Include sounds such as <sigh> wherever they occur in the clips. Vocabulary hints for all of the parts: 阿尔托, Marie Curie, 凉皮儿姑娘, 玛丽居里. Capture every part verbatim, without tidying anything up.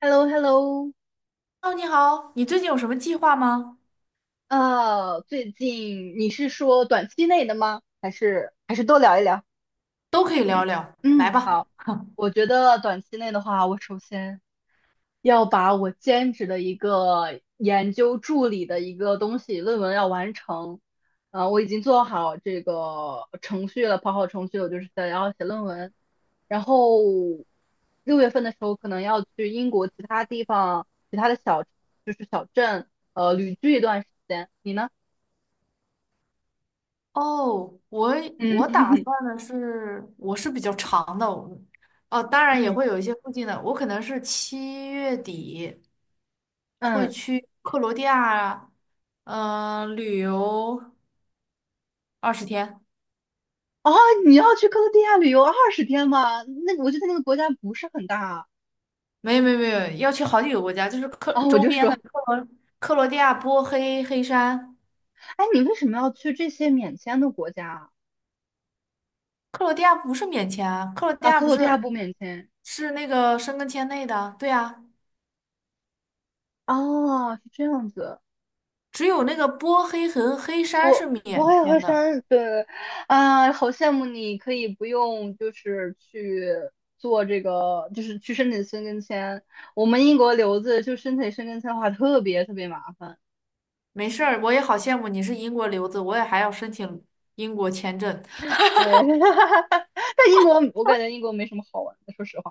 h e l l o h e l l o 哦，你好，你最近有什么计划吗？呃，最近你是说短期内的吗？还是还是多聊一聊？都可以聊聊，来嗯，吧。好，<laughs> 我觉得短期内的话，我首先要把我兼职的一个研究助理的一个东西论文要完成。呃，我已经做好这个程序了，跑好程序了，我就是想要写论文。然后六月份的时候，可能要去英国其他地方、其他的小，就是小镇，呃，旅居一段时间。你呢？哦，我嗯 我打 <laughs> 算的是，我是比较长的，我哦，当然也嗯会有一些附近的，我可能是七月底会嗯，去克罗地亚，嗯、旅游二十天，哦，你要去克罗地亚旅游二十天吗？那我觉得那个国家不是很大没有没有没有，要去好几个国家，就是克啊，我周就边说，的克罗克罗地亚、波黑、黑山，哎，你为什么要去这些免签的国家克罗地亚不是免签啊，克罗地啊？亚克不罗地亚是不免签是那个申根签内的，对呀。哦，是这样子。只有那个波黑和黑山是我我免也会签的。删，对，啊，好羡慕你可以不用就是去做这个，就是去申请申根签。我们英国留子就申请申根签的话，特别特别麻烦。没事儿，我也好羡慕你是英国留子，我也还要申请英国签证。对，<laughs> 但英国我感觉英国没什么好玩的，说实话。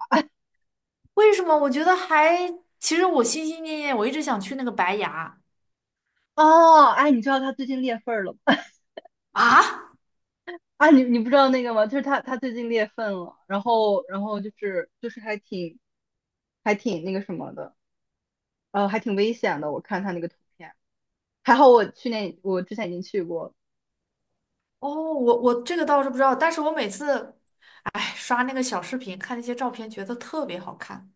为什么？我觉得还，其实我心心念念，我一直想去那个白崖哦，哎，你知道他最近裂缝了吗？<laughs> 啊。啊，你你不知道那个吗？就是他他最近裂缝了，然后然后就是就是还挺还挺那个什么的，呃，还挺危险的。我看他那个图片，还好我去年我之前已经去过了。哦，我我这个倒是不知道，但是我每次哎刷那个小视频，看那些照片，觉得特别好看。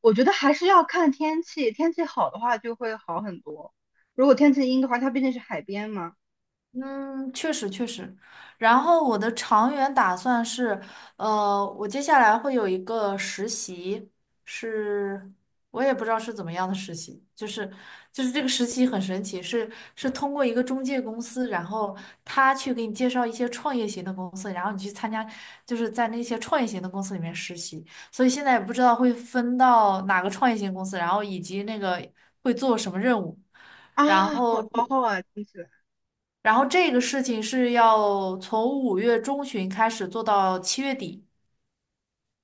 我觉得还是要看天气，天气好的话就会好很多。如果天气阴的话，它毕竟是海边嘛，嗯，确实确实。然后我的长远打算是，呃，我接下来会有一个实习，是我也不知道是怎么样的实习，就是就是这个实习很神奇，是是通过一个中介公司，然后他去给你介绍一些创业型的公司，然后你去参加，就是在那些创业型的公司里面实习。所以现在也不知道会分到哪个创业型公司，然后以及那个会做什么任务，啊，然好后。好好啊，听起来。然后这个事情是要从五月中旬开始做到七月底，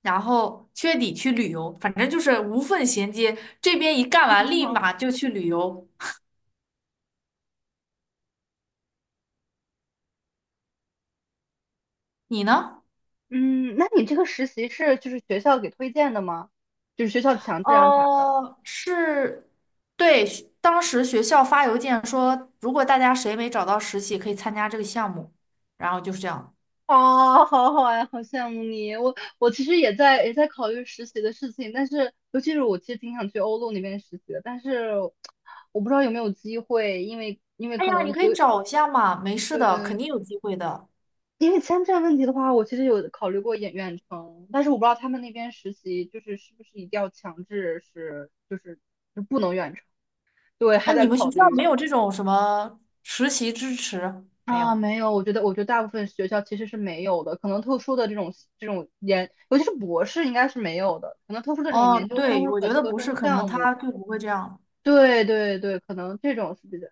然后七月底去旅游，反正就是无缝衔接，这边一干完立马 <laughs> 就去旅游。你呢？嗯，那你这个实习是就是学校给推荐的吗？就是学校强制安排的？呃，是，对，学当时学校发邮件说，如果大家谁没找到实习，可以参加这个项目，然后就是这样。啊，<laughs> 好好呀，好羡慕你。我我其实也在也在考虑实习的事情，但是尤其是我其实挺想去欧陆那边实习的，但是我不知道有没有机会，因为因为哎可呀，你能可以就找一下嘛，没事的，呃，肯定有机会的。因为签证问题的话，我其实有考虑过远远程，但是我不知道他们那边实习就是是不是一定要强制是就是就不能远程，对，还哎，你在们学考校虑。没有这种什么实习支持？没啊，有。没有，我觉得，我觉得大部分学校其实是没有的，可能特殊的这种这种研，尤其是博士应该是没有的，可能特殊的这种哦，研究生或对，者我觉本得科不生是，可能项目，他就不会这样。对对对，可能这种是比较，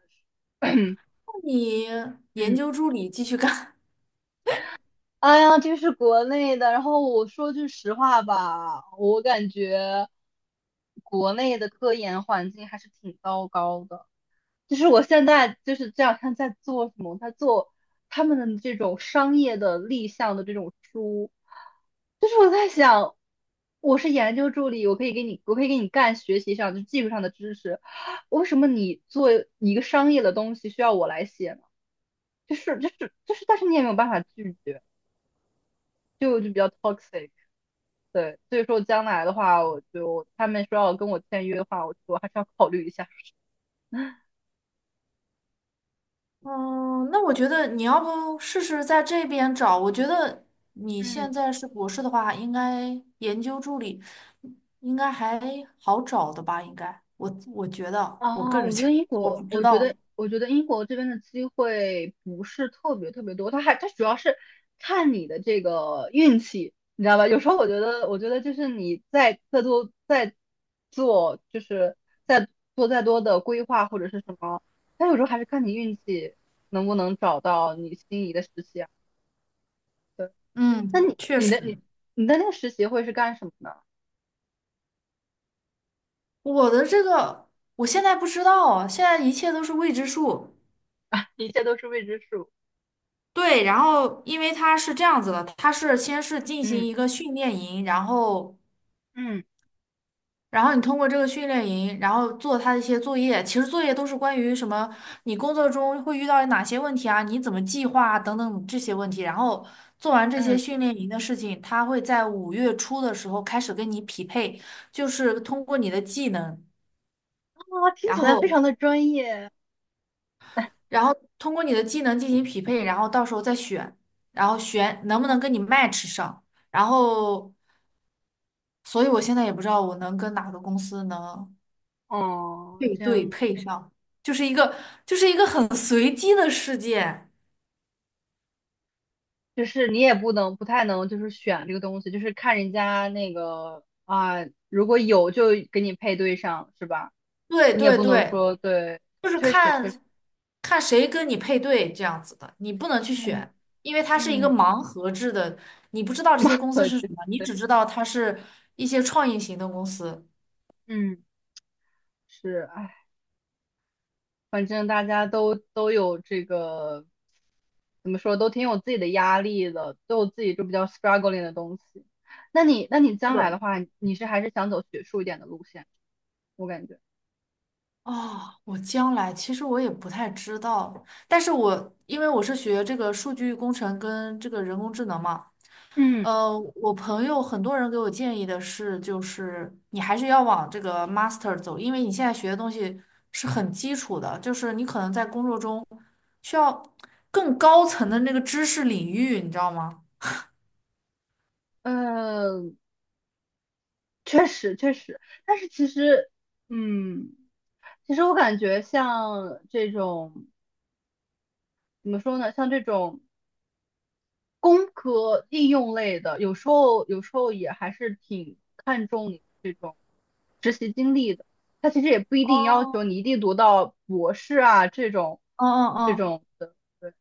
<clears throat> 那你研嗯究助理继续干。<laughs> 哎呀，这是国内的。然后我说句实话吧，我感觉国内的科研环境还是挺糟糕的。就是我现在就是这两天在做什么？在做他们的这种商业的立项的这种书，就是我在想，我是研究助理，我可以给你，我可以给你干学习上就技术上的知识，为什么你做一个商业的东西需要我来写呢？就是就是就是，但是你也没有办法拒绝，就就比较 toxic。对，所以说将来的话，我就他们说要跟我签约的话，我我还是要考虑一下。<laughs> 嗯，那我觉得你要不试试在这边找？我觉得你嗯。现在是博士的话，应该研究助理应该还好找的吧？应该，我我觉得，我个啊，人 <laughs> 我觉觉得得，英我不国，知我觉道。得，我觉得英国这边的机会不是特别特别多，它还它主要是看你的这个运气，你知道吧？有时候我觉得，我觉得就是你再再多再做，就是再做再多的规划或者是什么，它有时候还是看你运气能不能找到你心仪的实习啊。对，那嗯，你确你的你实，你的那个实习会是干什么呢？我的这个我现在不知道啊，现在一切都是未知数。<laughs> 一切都是未知数。对，然后因为它是这样子的，它是先是进行嗯一个训练营，然后，嗯然后你通过这个训练营，然后做它的一些作业，其实作业都是关于什么，你工作中会遇到哪些问题啊，你怎么计划啊等等这些问题，然后做完这些嗯，训练营的事情，它会在五月初的时候开始跟你匹配，就是通过你的技能，啊，听然起来非后，常的专业。然后通过你的技能进行匹配，然后到时候再选，然后选能不能跟你 match 上。然后所以我现在也不知道我能跟哪个公司能哦，配这对样配上，就是一个就是一个很随机的事件。就是你也不能不太能就是选这个东西，就是看人家那个啊，如果有就给你配对上，是吧？对你也对不能对，说对，就是确实看确实，看谁跟你配对这样子的，你不能去嗯选，因为它是一个嗯，盲盒制的，你不知道这些公 <laughs> 司可是是什么，你对，只知道它是一些创意型的公司。嗯是，哎，反正大家都都有这个怎么说，都挺有自己的压力的，都有自己就比较 struggling 的东西。那你那你是将来的。的话，你是还是想走学术一点的路线，我感觉，哦，我将来其实我也不太知道，但是我因为我是学这个数据工程跟这个人工智能嘛。嗯。呃，我朋友很多人给我建议的是，就是你还是要往这个 master 走，因为你现在学的东西是很基础的，就是你可能在工作中需要更高层的那个知识领域，你知道吗？嗯，确实确实，但是其实，嗯，其实我感觉像这种怎么说呢，像这种工科应用类的，有时候有时候也还是挺看重你这种实习经历的。它其实也不一定要哦，求你一定读到博士啊这种嗯嗯这嗯，种的。对，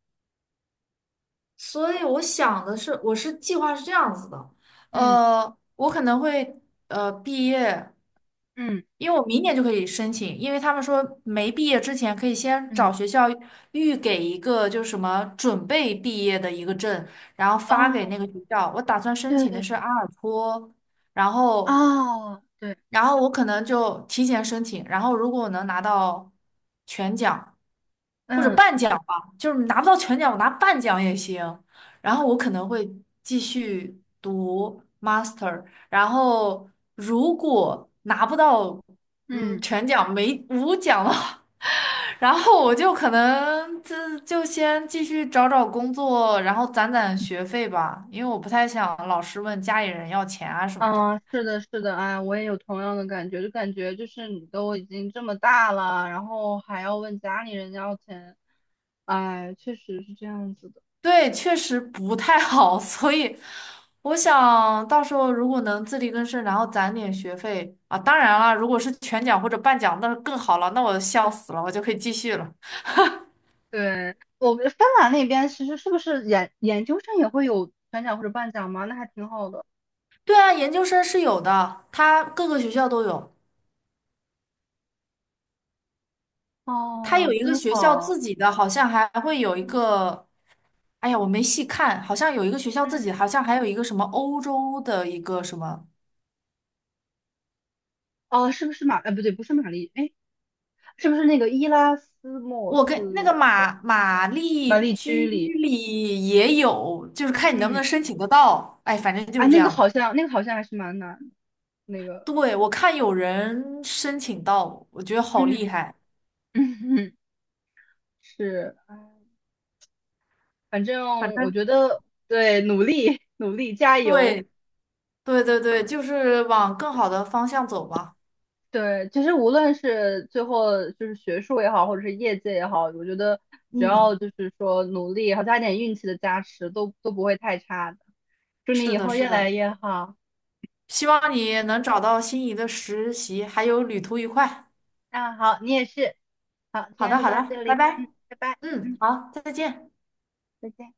所以我想的是，我是计划是这样子的，嗯呃，我可能会呃毕业，嗯因为我明年就可以申请，因为他们说没毕业之前可以先找嗯，学校预给一个就是什么准备毕业的一个证，然后发给哦，那个学校。我打算申对请对的是对，阿尔托，然后哦，对，然后我可能就提前申请，然后如果我能拿到全奖或者嗯。半奖吧，就是拿不到全奖，我拿半奖也行。然后我可能会继续读 master，然后如果拿不到嗯嗯。全奖没无奖了，<laughs> 然后我就可能自就先继续找找工作，然后攒攒学费吧，因为我不太想老是问家里人要钱啊什么的。嗯，是的，是的，哎，我也有同样的感觉，就感觉就是你都已经这么大了，然后还要问家里人要钱，哎，确实是这样子的。对，确实不太好，<laughs> 所以我想到时候如果能自力更生，然后攒点学费啊，当然了，如果是全奖或者半奖，那更好了，那我笑死了，我就可以继续了。对，我们芬兰那边其实是不是研研究生也会有全奖或者半奖吗？那还挺好的。对啊，研究生是有的，它各个学校都有，它有哦，一个真学校好。自己的，好像还会有一嗯个，哎呀，我没细看，好像有一个学校自己，嗯，好像还有一个什么欧洲的一个什么。哦，是不是马？哎，不对，不是玛丽，哎，是不是那个伊拉斯莫我跟那个斯马马玛丽丽居居里？里也有，就是看你能不嗯，能申请得到。哎，反正就哎，是这那个样好的。像，那个好像还是蛮难的，那个，对，我看有人申请到，我觉得好嗯厉嗯。害。<laughs> 是，反反正我正觉得对，努力努力加油。对对对对，就是往更好的方向走吧。对，其实无论是最后就是学术也好，或者是业界也好，我觉得只要嗯，就是说努力，好加点运气的加持，都都不会太差的。祝你是以的，后是越来的，越好。希望你能找到心仪的实习，还有旅途愉快。那好，你也是。好，今好天的，就好到这的，拜里，拜。嗯，拜拜，嗯，嗯，好，再见。再见。